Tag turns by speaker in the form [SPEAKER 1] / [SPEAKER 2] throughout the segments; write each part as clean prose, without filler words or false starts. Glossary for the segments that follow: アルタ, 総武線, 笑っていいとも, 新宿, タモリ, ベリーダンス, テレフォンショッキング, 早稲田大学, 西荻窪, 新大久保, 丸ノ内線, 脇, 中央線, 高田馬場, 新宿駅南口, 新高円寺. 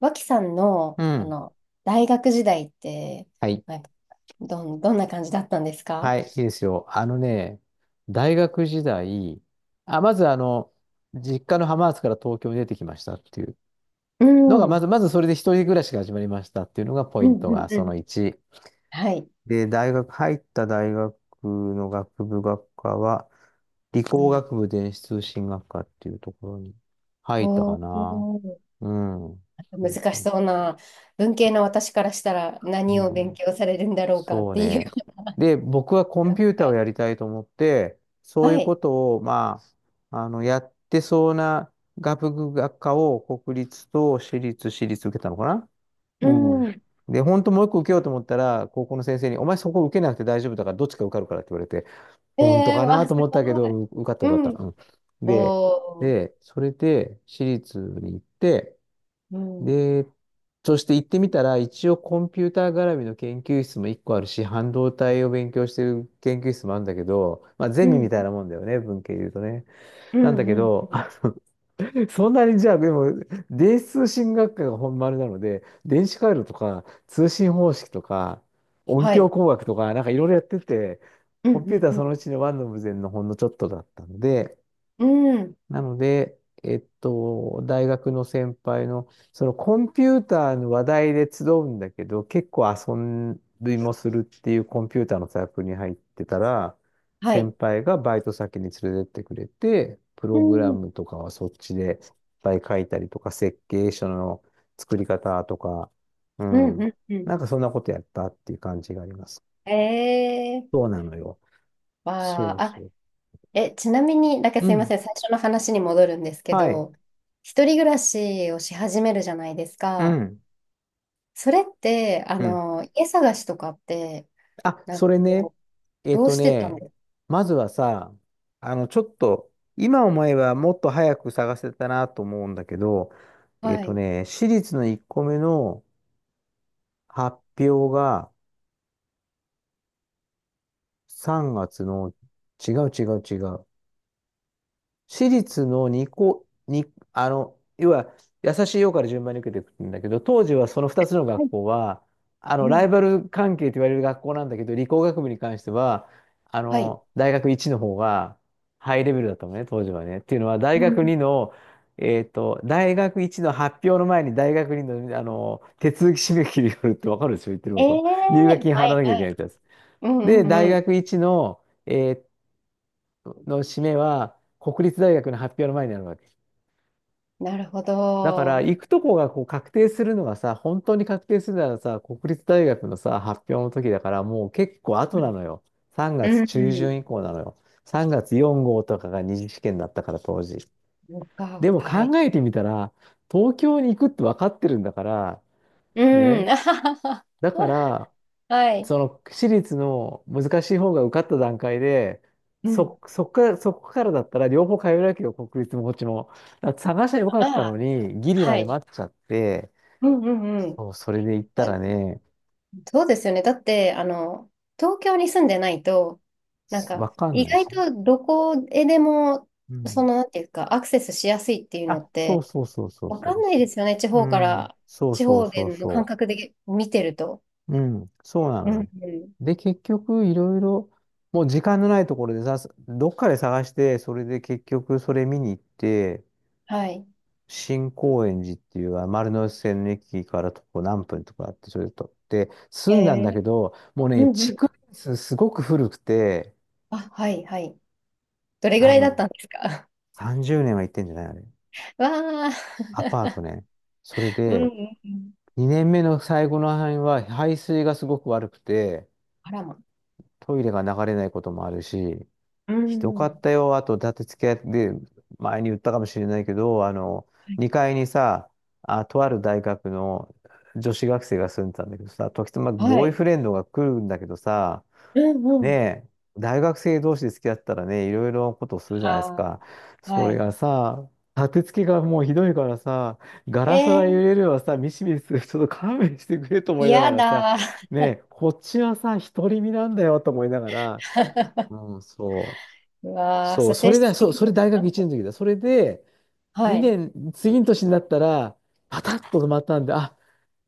[SPEAKER 1] 脇さんの、
[SPEAKER 2] うん。
[SPEAKER 1] 大学時代って、
[SPEAKER 2] はい。
[SPEAKER 1] なんか、どんな感じだったんですか？
[SPEAKER 2] はい、いいですよ。あのね、大学時代、まず、実家の浜松から東京に出てきましたっていう
[SPEAKER 1] う
[SPEAKER 2] のが、
[SPEAKER 1] ん。う
[SPEAKER 2] ま
[SPEAKER 1] ん
[SPEAKER 2] ず、まずそれで一人暮らしが始まりましたっていうのがポ
[SPEAKER 1] う
[SPEAKER 2] イン
[SPEAKER 1] ん
[SPEAKER 2] トが、
[SPEAKER 1] う
[SPEAKER 2] その
[SPEAKER 1] ん。
[SPEAKER 2] 1。
[SPEAKER 1] はい。
[SPEAKER 2] で、入った大学の学部学科は、理
[SPEAKER 1] う
[SPEAKER 2] 工
[SPEAKER 1] ん。
[SPEAKER 2] 学部電子通信学科っていうところに入った
[SPEAKER 1] お
[SPEAKER 2] かな。
[SPEAKER 1] ー、
[SPEAKER 2] うん。そう
[SPEAKER 1] 難
[SPEAKER 2] そ
[SPEAKER 1] し
[SPEAKER 2] う
[SPEAKER 1] そうな、文系の私からしたら何を
[SPEAKER 2] そ
[SPEAKER 1] 勉
[SPEAKER 2] う。
[SPEAKER 1] 強されるんだろうかっ
[SPEAKER 2] そう
[SPEAKER 1] ていう。
[SPEAKER 2] ね。で、僕はコンピューターをや りたいと思って、そう
[SPEAKER 1] は
[SPEAKER 2] いうこ
[SPEAKER 1] い。
[SPEAKER 2] とを、まあ、やってそうな学部学科を国立と私立受けたのかな。
[SPEAKER 1] う
[SPEAKER 2] うん。
[SPEAKER 1] ん。
[SPEAKER 2] で、本当もう一個受けようと思ったら、高校の先生に、お前そこ受けなくて大丈夫だから、どっちか受かるからって言われて、本当
[SPEAKER 1] えー、
[SPEAKER 2] かな
[SPEAKER 1] わ、
[SPEAKER 2] と
[SPEAKER 1] す
[SPEAKER 2] 思ったけ
[SPEAKER 1] ごい。
[SPEAKER 2] ど、受かった受
[SPEAKER 1] う
[SPEAKER 2] かっ
[SPEAKER 1] ん。
[SPEAKER 2] た。うん。で、
[SPEAKER 1] おー、
[SPEAKER 2] で、それで私立に行って、
[SPEAKER 1] うん。
[SPEAKER 2] で、そして行ってみたら、一応コンピューター絡みの研究室も一個あるし、半導体を勉強してる研究室もあるんだけど、まあゼ
[SPEAKER 1] う
[SPEAKER 2] ミみ
[SPEAKER 1] ん。
[SPEAKER 2] たいなもんだよね、文系で言うとね。
[SPEAKER 1] う
[SPEAKER 2] なんだ
[SPEAKER 1] ん。
[SPEAKER 2] け
[SPEAKER 1] うん。う
[SPEAKER 2] ど、
[SPEAKER 1] ん。
[SPEAKER 2] そんなにじゃあ、でも、電子通信学科が本丸なので、電子回路とか、通信方式とか、音
[SPEAKER 1] は
[SPEAKER 2] 響
[SPEAKER 1] い。
[SPEAKER 2] 工学とか、なんかいろいろやってて、
[SPEAKER 1] う
[SPEAKER 2] コンピュー
[SPEAKER 1] ん。
[SPEAKER 2] ター
[SPEAKER 1] う
[SPEAKER 2] その
[SPEAKER 1] ん。
[SPEAKER 2] うちのワンの無前のほんのちょっとだったので、
[SPEAKER 1] うん。うん。
[SPEAKER 2] なので、大学の先輩の、そのコンピューターの話題で集うんだけど、結構遊びもするっていうコンピューターのサークルに入ってたら、
[SPEAKER 1] は
[SPEAKER 2] 先
[SPEAKER 1] い。
[SPEAKER 2] 輩がバイト先に連れてってくれて、プ
[SPEAKER 1] う
[SPEAKER 2] ログラ
[SPEAKER 1] ん。
[SPEAKER 2] ムとかはそっちでいっぱい書いたりとか、設計書の作り方とか、う
[SPEAKER 1] うん。う
[SPEAKER 2] ん。
[SPEAKER 1] ん。うん。
[SPEAKER 2] なんかそんなことやったっていう感じがあります。
[SPEAKER 1] ええ。
[SPEAKER 2] そうなのよ。そ
[SPEAKER 1] わ
[SPEAKER 2] う
[SPEAKER 1] あ、
[SPEAKER 2] そ
[SPEAKER 1] あ、
[SPEAKER 2] う。
[SPEAKER 1] え、ちなみに、だけど
[SPEAKER 2] う
[SPEAKER 1] すいま
[SPEAKER 2] ん。
[SPEAKER 1] せん、最初の話に戻るんですけ
[SPEAKER 2] はい。
[SPEAKER 1] ど、一人暮らしをし始めるじゃないです
[SPEAKER 2] う
[SPEAKER 1] か。
[SPEAKER 2] ん。
[SPEAKER 1] それって、
[SPEAKER 2] うん。
[SPEAKER 1] 家探しとかって、
[SPEAKER 2] あ、
[SPEAKER 1] なん
[SPEAKER 2] そ
[SPEAKER 1] か
[SPEAKER 2] れね、
[SPEAKER 1] こう、
[SPEAKER 2] えっ
[SPEAKER 1] どう
[SPEAKER 2] と
[SPEAKER 1] してたん
[SPEAKER 2] ね、
[SPEAKER 1] です
[SPEAKER 2] まずはさ、ちょっと、今思えばもっと早く探せたなと思うんだけど、
[SPEAKER 1] か？はい。
[SPEAKER 2] 私立の1個目の発表が3月の、違う違う違う。私立の2校に、要は、優しいよから順番に受けていくんだけど、当時はその2つの
[SPEAKER 1] は
[SPEAKER 2] 学
[SPEAKER 1] い。
[SPEAKER 2] 校は、
[SPEAKER 1] う
[SPEAKER 2] ライ
[SPEAKER 1] ん。
[SPEAKER 2] バル関係と言われる学校なんだけど、理工学部に関しては、
[SPEAKER 1] はい。
[SPEAKER 2] 大学1の方がハイレベルだったのね、当時はね。っていうのは、
[SPEAKER 1] う
[SPEAKER 2] 大学
[SPEAKER 1] ん。
[SPEAKER 2] 2の、大学1の発表の前に大学2の、手続き締め切りがあるってわかるでしょ、言ってる
[SPEAKER 1] え
[SPEAKER 2] こと。入学
[SPEAKER 1] え。
[SPEAKER 2] 金払
[SPEAKER 1] は
[SPEAKER 2] わ
[SPEAKER 1] い
[SPEAKER 2] なきゃい
[SPEAKER 1] は
[SPEAKER 2] けないっ
[SPEAKER 1] い。
[SPEAKER 2] てやつ。
[SPEAKER 1] うん
[SPEAKER 2] で、大
[SPEAKER 1] う
[SPEAKER 2] 学
[SPEAKER 1] んうん。
[SPEAKER 2] 1の、えーっの締めは国立大学の発表の前になるわけ。
[SPEAKER 1] なるほ
[SPEAKER 2] だから
[SPEAKER 1] ど。
[SPEAKER 2] 行くとこがこう確定するのがさ、本当に確定するならさ、国立大学のさ、発表の時だからもう結構後
[SPEAKER 1] う
[SPEAKER 2] な
[SPEAKER 1] ん
[SPEAKER 2] のよ。3
[SPEAKER 1] う
[SPEAKER 2] 月
[SPEAKER 1] ん
[SPEAKER 2] 中
[SPEAKER 1] うん。
[SPEAKER 2] 旬以降なのよ。3月4号とかが二次試験だったから当時。
[SPEAKER 1] そう
[SPEAKER 2] で
[SPEAKER 1] か、
[SPEAKER 2] も
[SPEAKER 1] は
[SPEAKER 2] 考
[SPEAKER 1] い。
[SPEAKER 2] えてみたら、東京に行くって分かってるんだから、
[SPEAKER 1] うん。
[SPEAKER 2] ね。
[SPEAKER 1] あははは。
[SPEAKER 2] だから、
[SPEAKER 1] はい。
[SPEAKER 2] その私立の難しい方が受かった段階で、
[SPEAKER 1] うん。
[SPEAKER 2] そこからだったら両方通えるわけよ、国立もこっちも。だから探しゃよか
[SPEAKER 1] あ
[SPEAKER 2] ったの
[SPEAKER 1] あ、
[SPEAKER 2] に、ギリ
[SPEAKER 1] は
[SPEAKER 2] まで
[SPEAKER 1] い。
[SPEAKER 2] 待っちゃって、
[SPEAKER 1] うんうんうん。
[SPEAKER 2] そう、それで行ったらね、
[SPEAKER 1] そうですよね。だって、東京に住んでないと、なん
[SPEAKER 2] わ
[SPEAKER 1] か、
[SPEAKER 2] かん
[SPEAKER 1] 意
[SPEAKER 2] ない
[SPEAKER 1] 外
[SPEAKER 2] し。
[SPEAKER 1] とどこへでも、
[SPEAKER 2] う
[SPEAKER 1] そ
[SPEAKER 2] ん。
[SPEAKER 1] の、なんていうか、アクセスしやすいっていうの
[SPEAKER 2] あ、
[SPEAKER 1] っ
[SPEAKER 2] そう
[SPEAKER 1] て、
[SPEAKER 2] そうそうそう
[SPEAKER 1] わ
[SPEAKER 2] そ
[SPEAKER 1] かん
[SPEAKER 2] う
[SPEAKER 1] ないで
[SPEAKER 2] そ
[SPEAKER 1] すよね。地
[SPEAKER 2] う。う
[SPEAKER 1] 方か
[SPEAKER 2] ん。
[SPEAKER 1] ら、
[SPEAKER 2] そう
[SPEAKER 1] 地
[SPEAKER 2] そう
[SPEAKER 1] 方で
[SPEAKER 2] そう
[SPEAKER 1] の感
[SPEAKER 2] そ
[SPEAKER 1] 覚で見てると。
[SPEAKER 2] う。うん。そうな
[SPEAKER 1] う
[SPEAKER 2] の
[SPEAKER 1] ん
[SPEAKER 2] よ。
[SPEAKER 1] うん。
[SPEAKER 2] で、結局、いろいろ、もう時間のないところでさ、どっかで探して、それで結局それ見に行って、
[SPEAKER 1] はい。
[SPEAKER 2] 新高円寺っていう丸ノ内線の駅から徒歩何分とかあって、それで取って、
[SPEAKER 1] え
[SPEAKER 2] 住んだんだ
[SPEAKER 1] え。
[SPEAKER 2] けど、もう
[SPEAKER 1] う
[SPEAKER 2] ね、
[SPEAKER 1] んうん。
[SPEAKER 2] 築年数すごく古くて、
[SPEAKER 1] あ、はいはい。どれぐ
[SPEAKER 2] あ
[SPEAKER 1] らいだっ
[SPEAKER 2] の、
[SPEAKER 1] たんですか？
[SPEAKER 2] 30年は行ってんじゃないあれ。
[SPEAKER 1] わ
[SPEAKER 2] ア
[SPEAKER 1] あ。
[SPEAKER 2] パートね。それ
[SPEAKER 1] うんう
[SPEAKER 2] で、
[SPEAKER 1] んうん。
[SPEAKER 2] 2年目の最後の範囲は排水がすごく悪くて、
[SPEAKER 1] あらま。
[SPEAKER 2] トイレが流れないこともあるし、
[SPEAKER 1] う
[SPEAKER 2] ひどか
[SPEAKER 1] んう
[SPEAKER 2] っ
[SPEAKER 1] ん。
[SPEAKER 2] たよ。あと、だって付き合って、前に言ったかもしれないけど、2階にさ、あ、とある大学の女子学生が住んでたんだけどさ、時たま
[SPEAKER 1] はい。は
[SPEAKER 2] ボーイ
[SPEAKER 1] い。
[SPEAKER 2] フレンドが来るんだけどさ、
[SPEAKER 1] うん
[SPEAKER 2] ね
[SPEAKER 1] うん。
[SPEAKER 2] え、大学生同士で付き合ったらね、いろいろなことをするじゃな
[SPEAKER 1] あ
[SPEAKER 2] いですか。
[SPEAKER 1] あ、
[SPEAKER 2] そ
[SPEAKER 1] は
[SPEAKER 2] れ
[SPEAKER 1] い。
[SPEAKER 2] がさ、立て付けがもうひどいからさ、ガ
[SPEAKER 1] え
[SPEAKER 2] ラスが揺
[SPEAKER 1] ー、
[SPEAKER 2] れるわさ、ミシミシする、ちょっと勘弁してくれと思いなが
[SPEAKER 1] や
[SPEAKER 2] らさ、
[SPEAKER 1] だ。
[SPEAKER 2] ねえ、こっちはさ、独り身なんだよと思いながら、うん、そう。
[SPEAKER 1] うわー、
[SPEAKER 2] そう、
[SPEAKER 1] さ、
[SPEAKER 2] そ
[SPEAKER 1] 精
[SPEAKER 2] れ
[SPEAKER 1] 神
[SPEAKER 2] だ、そ
[SPEAKER 1] 的
[SPEAKER 2] う、それ
[SPEAKER 1] に。
[SPEAKER 2] 大学1年の時だ。それで、
[SPEAKER 1] は。は
[SPEAKER 2] 2
[SPEAKER 1] い。
[SPEAKER 2] 年、次の年になったら、パタッと止まったんで、あ、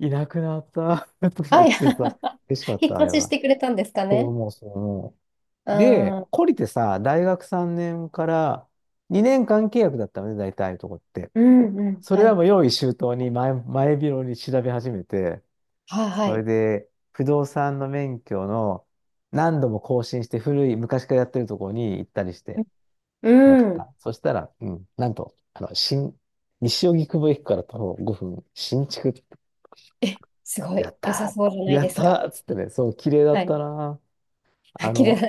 [SPEAKER 2] いなくなった と思
[SPEAKER 1] は
[SPEAKER 2] っ
[SPEAKER 1] い。
[SPEAKER 2] てさ、嬉しかっ
[SPEAKER 1] 引っ
[SPEAKER 2] た、あれ
[SPEAKER 1] 越しし
[SPEAKER 2] は。
[SPEAKER 1] てくれたんですか
[SPEAKER 2] そう
[SPEAKER 1] ね。
[SPEAKER 2] 思う、そう思
[SPEAKER 1] う
[SPEAKER 2] う。で、
[SPEAKER 1] ん。
[SPEAKER 2] 懲りてさ、大学3年から2年間契約だったのね、大体のとこって。
[SPEAKER 1] うんうん。
[SPEAKER 2] それ
[SPEAKER 1] は
[SPEAKER 2] は
[SPEAKER 1] い。
[SPEAKER 2] もう用意周到に前広に調べ始めて、
[SPEAKER 1] はいは
[SPEAKER 2] それ
[SPEAKER 1] い。
[SPEAKER 2] で、不動産の免許の何度も更新して古い昔からやってるとこに行ったりして、
[SPEAKER 1] う
[SPEAKER 2] やっ
[SPEAKER 1] ん。
[SPEAKER 2] た。そしたら、うん、なんと、西荻窪駅から徒歩5分、新築。
[SPEAKER 1] え、すご
[SPEAKER 2] や
[SPEAKER 1] い。
[SPEAKER 2] っ
[SPEAKER 1] 良さ
[SPEAKER 2] た
[SPEAKER 1] そうじゃ
[SPEAKER 2] ー
[SPEAKER 1] ない
[SPEAKER 2] や
[SPEAKER 1] で
[SPEAKER 2] っ
[SPEAKER 1] す
[SPEAKER 2] た
[SPEAKER 1] か。
[SPEAKER 2] ーっつってね、そう、綺麗だ
[SPEAKER 1] は
[SPEAKER 2] った
[SPEAKER 1] い。
[SPEAKER 2] なー。
[SPEAKER 1] あ、
[SPEAKER 2] あ
[SPEAKER 1] 綺麗
[SPEAKER 2] の、
[SPEAKER 1] な。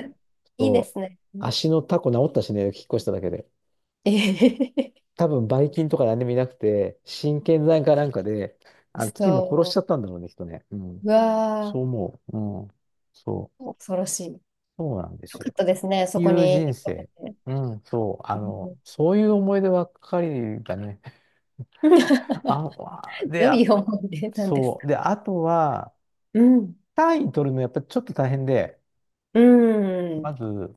[SPEAKER 1] いいで
[SPEAKER 2] そう、
[SPEAKER 1] すね。
[SPEAKER 2] 足のタコ治ったしね、引っ越しただけで。
[SPEAKER 1] えへへへ。
[SPEAKER 2] 多分、ばい菌とか何でもいなくて、神経剤かなんかで、菌も殺しち
[SPEAKER 1] そ
[SPEAKER 2] ゃったんだろうね、人ね。う
[SPEAKER 1] う。
[SPEAKER 2] ん。
[SPEAKER 1] う
[SPEAKER 2] そ
[SPEAKER 1] わ
[SPEAKER 2] う思う。うん。そう。
[SPEAKER 1] ー、恐ろしい。よ
[SPEAKER 2] そうなんです
[SPEAKER 1] かっ
[SPEAKER 2] よ。
[SPEAKER 1] たですね。そ
[SPEAKER 2] い
[SPEAKER 1] こ
[SPEAKER 2] う
[SPEAKER 1] に引
[SPEAKER 2] 人
[SPEAKER 1] っ越
[SPEAKER 2] 生。
[SPEAKER 1] せて。
[SPEAKER 2] うん、そう。
[SPEAKER 1] うん。
[SPEAKER 2] そういう思い出ばっかりだね。あ、わ で、
[SPEAKER 1] どうい
[SPEAKER 2] あ
[SPEAKER 1] う思い出なんです
[SPEAKER 2] そ
[SPEAKER 1] か？
[SPEAKER 2] う。で、あとは、
[SPEAKER 1] うん。
[SPEAKER 2] 単位取るのやっぱちょっと大変で、
[SPEAKER 1] うん。
[SPEAKER 2] まず、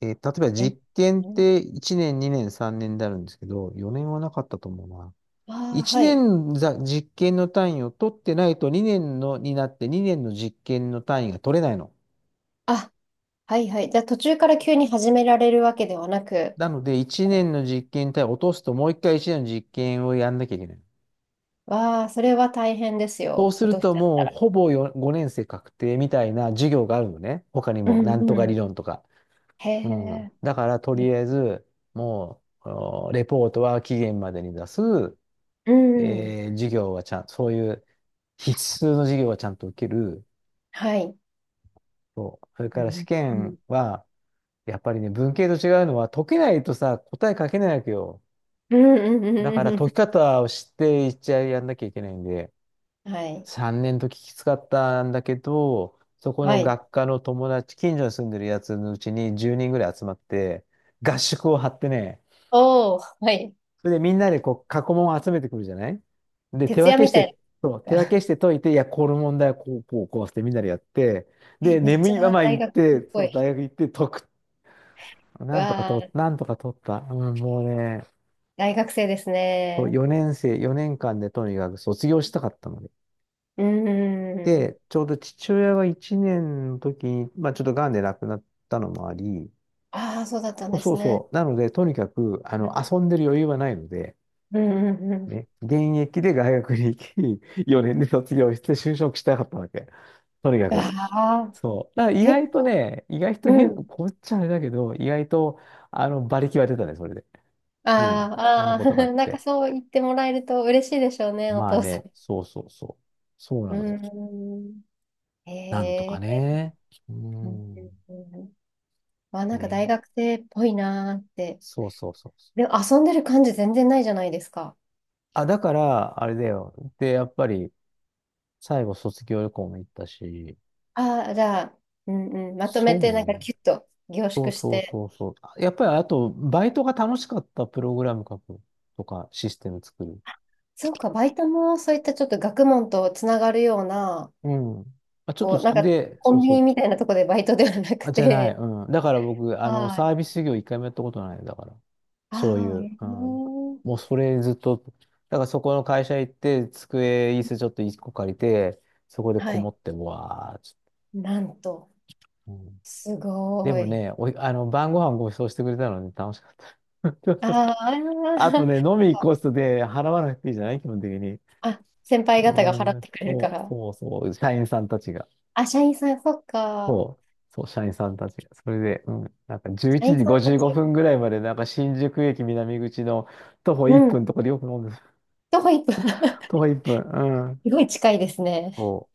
[SPEAKER 2] 例えば
[SPEAKER 1] え、
[SPEAKER 2] 実験って1年、2年、3年であるんですけど、4年はなかったと思うな。
[SPEAKER 1] ああ、
[SPEAKER 2] 1
[SPEAKER 1] はい。
[SPEAKER 2] 年実験の単位を取ってないと2年のになって2年の実験の単位が取れないの。
[SPEAKER 1] あ、はいはい。じゃあ途中から急に始められるわけではなく。
[SPEAKER 2] なので1年の実験単位を落とすともう1回1年の実験をやんなきゃいけない。
[SPEAKER 1] わあ、それは大変です
[SPEAKER 2] そう
[SPEAKER 1] よ。
[SPEAKER 2] す
[SPEAKER 1] 落
[SPEAKER 2] る
[SPEAKER 1] とし
[SPEAKER 2] と
[SPEAKER 1] ちゃっ
[SPEAKER 2] も
[SPEAKER 1] た
[SPEAKER 2] う
[SPEAKER 1] ら。
[SPEAKER 2] ほぼ5年生確定みたいな授業があるのね。他に
[SPEAKER 1] う
[SPEAKER 2] もなん
[SPEAKER 1] ん
[SPEAKER 2] と
[SPEAKER 1] う
[SPEAKER 2] か理
[SPEAKER 1] ん。
[SPEAKER 2] 論とか。
[SPEAKER 1] へ
[SPEAKER 2] うん。
[SPEAKER 1] え。
[SPEAKER 2] だから、とりあえず、もう、レポートは期限までに出す。
[SPEAKER 1] うんうん。
[SPEAKER 2] えー授業はちゃん、そういう必須の授業はちゃんと受ける。
[SPEAKER 1] はい。
[SPEAKER 2] そう。それ
[SPEAKER 1] う
[SPEAKER 2] から試
[SPEAKER 1] んうん
[SPEAKER 2] 験は、やっぱりね、文系と違うのは、解けないとさ、答え書けないわけよ。
[SPEAKER 1] うんうんう
[SPEAKER 2] だか
[SPEAKER 1] ん
[SPEAKER 2] ら、
[SPEAKER 1] うんう
[SPEAKER 2] 解き方を知って一応やんなきゃいけないんで、
[SPEAKER 1] ん。はい。
[SPEAKER 2] 3年ときつかったんだけど、そこ
[SPEAKER 1] は
[SPEAKER 2] の
[SPEAKER 1] い。
[SPEAKER 2] 学科の友達、近所に住んでるやつのうちに10人ぐらい集まって、合宿を張ってね、
[SPEAKER 1] おお、はい。
[SPEAKER 2] それでみんなでこう、過去問を集めてくるじゃない。で、手
[SPEAKER 1] 徹
[SPEAKER 2] 分
[SPEAKER 1] 夜
[SPEAKER 2] け
[SPEAKER 1] み
[SPEAKER 2] し
[SPEAKER 1] た
[SPEAKER 2] て、
[SPEAKER 1] い
[SPEAKER 2] そう、手分
[SPEAKER 1] な。
[SPEAKER 2] けし て解いて、いや、この問題はこう、こう、こうしてみんなでやって、
[SPEAKER 1] え、
[SPEAKER 2] で、
[SPEAKER 1] めっ
[SPEAKER 2] 眠
[SPEAKER 1] ちゃ
[SPEAKER 2] いまま
[SPEAKER 1] 大
[SPEAKER 2] 行っ
[SPEAKER 1] 学生っ
[SPEAKER 2] て、
[SPEAKER 1] ぽ
[SPEAKER 2] そう、
[SPEAKER 1] い。
[SPEAKER 2] 大学行って解く。
[SPEAKER 1] う
[SPEAKER 2] なんとか
[SPEAKER 1] わ
[SPEAKER 2] と、
[SPEAKER 1] あ、
[SPEAKER 2] なんとか取った。うん、もうね、
[SPEAKER 1] 大学生です
[SPEAKER 2] そう、
[SPEAKER 1] ね。
[SPEAKER 2] 4年生、4年間でとにかく卒業したかったので。
[SPEAKER 1] うんんうん。
[SPEAKER 2] で、ちょうど父親が1年の時に、まあちょっと癌で亡くなったのもあり、
[SPEAKER 1] ああ、そうだったん
[SPEAKER 2] そう
[SPEAKER 1] で
[SPEAKER 2] そ
[SPEAKER 1] す
[SPEAKER 2] う
[SPEAKER 1] ね。
[SPEAKER 2] そう。なので、とにかく、
[SPEAKER 1] うん
[SPEAKER 2] 遊んでる余裕はないので、
[SPEAKER 1] うんうん。
[SPEAKER 2] ね、現役で大学に行き、4年で卒業して就職したかったわけ。とにかく。
[SPEAKER 1] ああ
[SPEAKER 2] そう。だから
[SPEAKER 1] ー、
[SPEAKER 2] 意
[SPEAKER 1] 結
[SPEAKER 2] 外と
[SPEAKER 1] 構。
[SPEAKER 2] ね、意外と
[SPEAKER 1] う
[SPEAKER 2] 変、
[SPEAKER 1] ん。
[SPEAKER 2] こっちゃあれだけど、意外と、馬力は出たね、それで。うん。そんな
[SPEAKER 1] あ
[SPEAKER 2] こ
[SPEAKER 1] ーあ
[SPEAKER 2] とがあ
[SPEAKER 1] ー、
[SPEAKER 2] っ
[SPEAKER 1] なんか
[SPEAKER 2] て。
[SPEAKER 1] そう言ってもらえると嬉しいでしょうね、お
[SPEAKER 2] まあ
[SPEAKER 1] 父さ
[SPEAKER 2] ね、そうそうそう。そう
[SPEAKER 1] ん。
[SPEAKER 2] なのよ。
[SPEAKER 1] うーん。へ
[SPEAKER 2] なんとか
[SPEAKER 1] え。
[SPEAKER 2] ね。う
[SPEAKER 1] うんうん
[SPEAKER 2] ん。
[SPEAKER 1] うん。あ、なんか大
[SPEAKER 2] ね。
[SPEAKER 1] 学生っぽいなーって。
[SPEAKER 2] そうそうそうそう。
[SPEAKER 1] でも遊んでる感じ全然ないじゃないですか。
[SPEAKER 2] あ、だから、あれだよ。で、やっぱり、最後卒業旅行も行ったし、
[SPEAKER 1] ああ、じゃあ、うんうん、まと
[SPEAKER 2] そ
[SPEAKER 1] めて
[SPEAKER 2] う
[SPEAKER 1] なん
[SPEAKER 2] ね。
[SPEAKER 1] かキュッと凝
[SPEAKER 2] そう
[SPEAKER 1] 縮し
[SPEAKER 2] そう
[SPEAKER 1] て。
[SPEAKER 2] そうそう。あやっぱりあと、バイトが楽しかったプログラム書くとか、システム作る。
[SPEAKER 1] そうか、バイトもそういったちょっと学問とつながるような、
[SPEAKER 2] うん。あ、ちょっ
[SPEAKER 1] こ
[SPEAKER 2] と、
[SPEAKER 1] う、なんか
[SPEAKER 2] で、
[SPEAKER 1] コ
[SPEAKER 2] そう
[SPEAKER 1] ンビ
[SPEAKER 2] そ
[SPEAKER 1] ニ
[SPEAKER 2] う。
[SPEAKER 1] みたいなとこでバイトではなく
[SPEAKER 2] あ、じゃない。
[SPEAKER 1] て。
[SPEAKER 2] うん。だから僕、
[SPEAKER 1] は
[SPEAKER 2] サ
[SPEAKER 1] い。
[SPEAKER 2] ービス業一回もやったことない。だから、そうい
[SPEAKER 1] ああ、
[SPEAKER 2] う。
[SPEAKER 1] え
[SPEAKER 2] うん。も
[SPEAKER 1] ー。
[SPEAKER 2] うそれずっと、だからそこの会社行って、机、椅子ちょっと一個借りて、そこで
[SPEAKER 1] は
[SPEAKER 2] こも
[SPEAKER 1] い。
[SPEAKER 2] って、うわーち
[SPEAKER 1] なんと。
[SPEAKER 2] ょっとうん。
[SPEAKER 1] す
[SPEAKER 2] で
[SPEAKER 1] ご
[SPEAKER 2] も
[SPEAKER 1] い。
[SPEAKER 2] ね、おい、晩ご飯ご馳走してくれたので楽しかった。
[SPEAKER 1] あ
[SPEAKER 2] あ
[SPEAKER 1] ーあ
[SPEAKER 2] とね、
[SPEAKER 1] ー、
[SPEAKER 2] 飲み行こうとで払わなくていいじゃない基本的に。
[SPEAKER 1] あ、先輩方が払
[SPEAKER 2] う
[SPEAKER 1] っ
[SPEAKER 2] ん、
[SPEAKER 1] てくれるか
[SPEAKER 2] そう、
[SPEAKER 1] ら。
[SPEAKER 2] そうそう、社員さんたちが。
[SPEAKER 1] あ、社員さん、そっか。
[SPEAKER 2] そう、そう、社員さんたちが。それで、うん、なんか11
[SPEAKER 1] 社員
[SPEAKER 2] 時
[SPEAKER 1] さんた
[SPEAKER 2] 55
[SPEAKER 1] ち。
[SPEAKER 2] 分ぐらいまで、なんか新宿駅南口の徒歩
[SPEAKER 1] う
[SPEAKER 2] 1分
[SPEAKER 1] ん。
[SPEAKER 2] のとこでよく飲んでた。
[SPEAKER 1] 徒歩一分。
[SPEAKER 2] 徒
[SPEAKER 1] す
[SPEAKER 2] 歩1分、うん。
[SPEAKER 1] ごい近いですね。
[SPEAKER 2] そ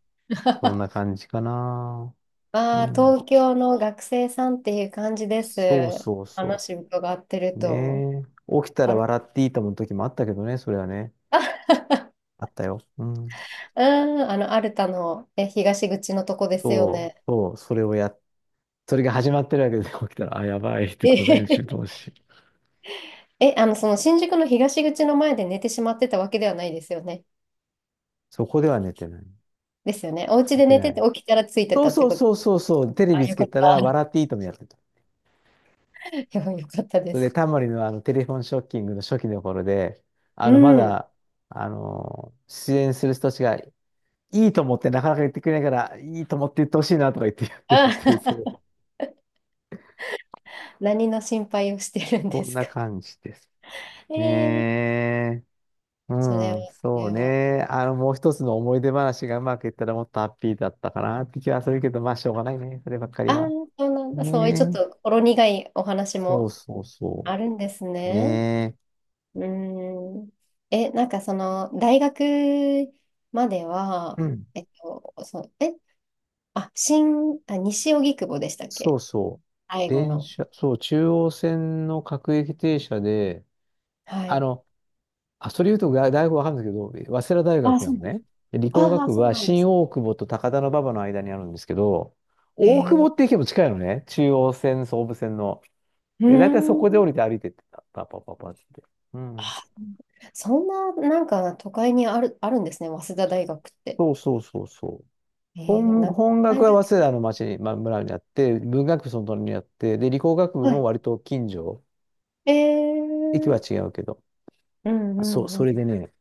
[SPEAKER 2] う、そん な感じかな。
[SPEAKER 1] あ
[SPEAKER 2] う
[SPEAKER 1] あ、
[SPEAKER 2] ん。
[SPEAKER 1] 東京の学生さんっていう感じです。
[SPEAKER 2] そうそうそ
[SPEAKER 1] 話伺ってる
[SPEAKER 2] う。
[SPEAKER 1] と。
[SPEAKER 2] ねえ。起きた
[SPEAKER 1] た
[SPEAKER 2] ら
[SPEAKER 1] の。
[SPEAKER 2] 笑っていいと思う時もあったけどね、それはね。
[SPEAKER 1] あ。
[SPEAKER 2] あったよ。うん。
[SPEAKER 1] うん、アルタのえ東口のとこですよ
[SPEAKER 2] そう、
[SPEAKER 1] ね。
[SPEAKER 2] そう、それをやっ、それが始まってるわけで、起きたら、あ、やばいって
[SPEAKER 1] え、
[SPEAKER 2] ことで、集 中し。
[SPEAKER 1] え、その新宿の東口の前で寝てしまってたわけではないですよね。
[SPEAKER 2] そこでは寝てない。
[SPEAKER 1] ですよね。お家
[SPEAKER 2] 寝
[SPEAKER 1] で
[SPEAKER 2] て
[SPEAKER 1] 寝
[SPEAKER 2] な
[SPEAKER 1] てて
[SPEAKER 2] い。
[SPEAKER 1] 起きたらついて
[SPEAKER 2] そ
[SPEAKER 1] た
[SPEAKER 2] う
[SPEAKER 1] って
[SPEAKER 2] そう
[SPEAKER 1] こと。
[SPEAKER 2] そうそうそう、テレ
[SPEAKER 1] あ、
[SPEAKER 2] ビつ
[SPEAKER 1] よか
[SPEAKER 2] け
[SPEAKER 1] っ
[SPEAKER 2] たら、
[SPEAKER 1] た。
[SPEAKER 2] 笑っていいともやってた。
[SPEAKER 1] よかったで
[SPEAKER 2] それで、
[SPEAKER 1] す。
[SPEAKER 2] タモリのテレフォンショッキングの初期の頃で、あ
[SPEAKER 1] う
[SPEAKER 2] の、ま
[SPEAKER 1] ん。
[SPEAKER 2] だ、あの出演する人たちが、いいと思ってなかなか言ってくれないから、いいと思って言ってほしいなとか言ってやってるっていう、そう、
[SPEAKER 1] あ。 何の心配をしてるん
[SPEAKER 2] そ
[SPEAKER 1] で
[SPEAKER 2] ん
[SPEAKER 1] す
[SPEAKER 2] な
[SPEAKER 1] か。
[SPEAKER 2] 感じです。
[SPEAKER 1] えー、
[SPEAKER 2] ねえ。う
[SPEAKER 1] それは、
[SPEAKER 2] ん、
[SPEAKER 1] そ
[SPEAKER 2] そう
[SPEAKER 1] れは。
[SPEAKER 2] ね。もう一つの思い出話がうまくいったらもっとハッピーだったかなって気はするけど、まあ、しょうがないね。そればっかり
[SPEAKER 1] ああ、
[SPEAKER 2] は。
[SPEAKER 1] そうなんだ。そういうちょっ
[SPEAKER 2] ねえ。
[SPEAKER 1] とほろ苦いお話
[SPEAKER 2] そう
[SPEAKER 1] も
[SPEAKER 2] そうそ
[SPEAKER 1] あるんです
[SPEAKER 2] う。
[SPEAKER 1] ね。
[SPEAKER 2] ね
[SPEAKER 1] うーん。え、大学まで
[SPEAKER 2] え。
[SPEAKER 1] は、
[SPEAKER 2] うん
[SPEAKER 1] えっと、そう、え、あ、新、あ、西荻窪でしたっ
[SPEAKER 2] そ
[SPEAKER 1] け、
[SPEAKER 2] うそう。
[SPEAKER 1] 最後
[SPEAKER 2] 電
[SPEAKER 1] の。
[SPEAKER 2] 車、そう、中央線の各駅停車で、
[SPEAKER 1] は
[SPEAKER 2] あ
[SPEAKER 1] い。
[SPEAKER 2] の、それ言うとが大学わかんないけど、早稲田大
[SPEAKER 1] あ、
[SPEAKER 2] 学な
[SPEAKER 1] そ
[SPEAKER 2] の
[SPEAKER 1] うなんだ。
[SPEAKER 2] ね。で理工
[SPEAKER 1] ああ、
[SPEAKER 2] 学部
[SPEAKER 1] そう
[SPEAKER 2] は
[SPEAKER 1] なんで
[SPEAKER 2] 新
[SPEAKER 1] す。
[SPEAKER 2] 大久保と高田馬場の間にあるんですけど、
[SPEAKER 1] へ
[SPEAKER 2] 大久保
[SPEAKER 1] え。
[SPEAKER 2] って駅も近いのね。中央線、総武線の。
[SPEAKER 1] うー
[SPEAKER 2] で、大体そ
[SPEAKER 1] ん。
[SPEAKER 2] こで降りて歩いてってた。パパパパって。うん。
[SPEAKER 1] あ、そんな、なんか都会にある、あるんですね、早稲田大学って。
[SPEAKER 2] そうそうそうそう。
[SPEAKER 1] えー、でもな、
[SPEAKER 2] 本学
[SPEAKER 1] 大
[SPEAKER 2] は早稲
[SPEAKER 1] 学、
[SPEAKER 2] 田の町に、まあ、村にあって、文学部その隣にあって、で、理工学部
[SPEAKER 1] は
[SPEAKER 2] も割と近所。
[SPEAKER 1] い。え
[SPEAKER 2] 駅は
[SPEAKER 1] ー、
[SPEAKER 2] 違うけど。
[SPEAKER 1] うんう
[SPEAKER 2] そう、
[SPEAKER 1] んう
[SPEAKER 2] それ
[SPEAKER 1] ん。
[SPEAKER 2] でね、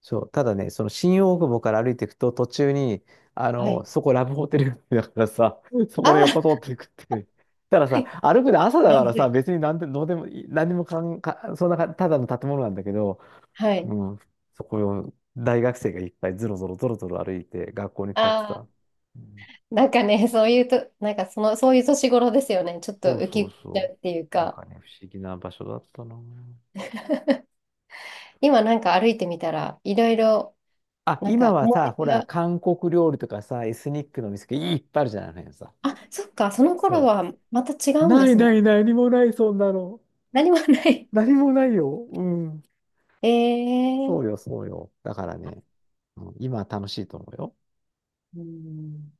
[SPEAKER 2] そう、ただね、その新大久保から歩いていくと、途中に、
[SPEAKER 1] はい。
[SPEAKER 2] そこラブホテルだからさ、そこの横
[SPEAKER 1] あ
[SPEAKER 2] 通っていくっていう。たださ、
[SPEAKER 1] ー、
[SPEAKER 2] 歩く で朝だ
[SPEAKER 1] ま
[SPEAKER 2] から
[SPEAKER 1] ず
[SPEAKER 2] さ、
[SPEAKER 1] い。
[SPEAKER 2] 別になんで、どうでもいい、何にもかん、か、そんなか、ただの建物なんだけど、
[SPEAKER 1] はい。
[SPEAKER 2] うん、そこを大学生がいっぱいゾロゾロゾロゾロ歩いて学校に通って
[SPEAKER 1] あ
[SPEAKER 2] た。うん
[SPEAKER 1] ー、なんかね、そういうと、そういう年頃ですよね。ちょっと
[SPEAKER 2] そう
[SPEAKER 1] ウキ
[SPEAKER 2] そ
[SPEAKER 1] ウ
[SPEAKER 2] う
[SPEAKER 1] キしちゃ
[SPEAKER 2] そ
[SPEAKER 1] うっていう
[SPEAKER 2] う。なん
[SPEAKER 1] か、
[SPEAKER 2] かね、不思議な場所だったな。
[SPEAKER 1] 今なんか歩いてみたら、いろいろ、
[SPEAKER 2] あ、
[SPEAKER 1] なん
[SPEAKER 2] 今
[SPEAKER 1] か
[SPEAKER 2] は
[SPEAKER 1] 思
[SPEAKER 2] さ、
[SPEAKER 1] い
[SPEAKER 2] ほ
[SPEAKER 1] 出
[SPEAKER 2] ら、
[SPEAKER 1] が、
[SPEAKER 2] 韓国料理とかさ、エスニックの店がいっぱいあるじゃないのよさ。
[SPEAKER 1] あ、そっか、その
[SPEAKER 2] そ
[SPEAKER 1] 頃
[SPEAKER 2] う
[SPEAKER 1] はまた違うん
[SPEAKER 2] な
[SPEAKER 1] で
[SPEAKER 2] い
[SPEAKER 1] すも
[SPEAKER 2] な
[SPEAKER 1] ん。
[SPEAKER 2] い何もないそんなの。
[SPEAKER 1] 何もない。
[SPEAKER 2] 何もないよ。うん。
[SPEAKER 1] え
[SPEAKER 2] そ
[SPEAKER 1] ー、
[SPEAKER 2] うよ、そうよ。だからね、うん今楽しいと思うよ。
[SPEAKER 1] うん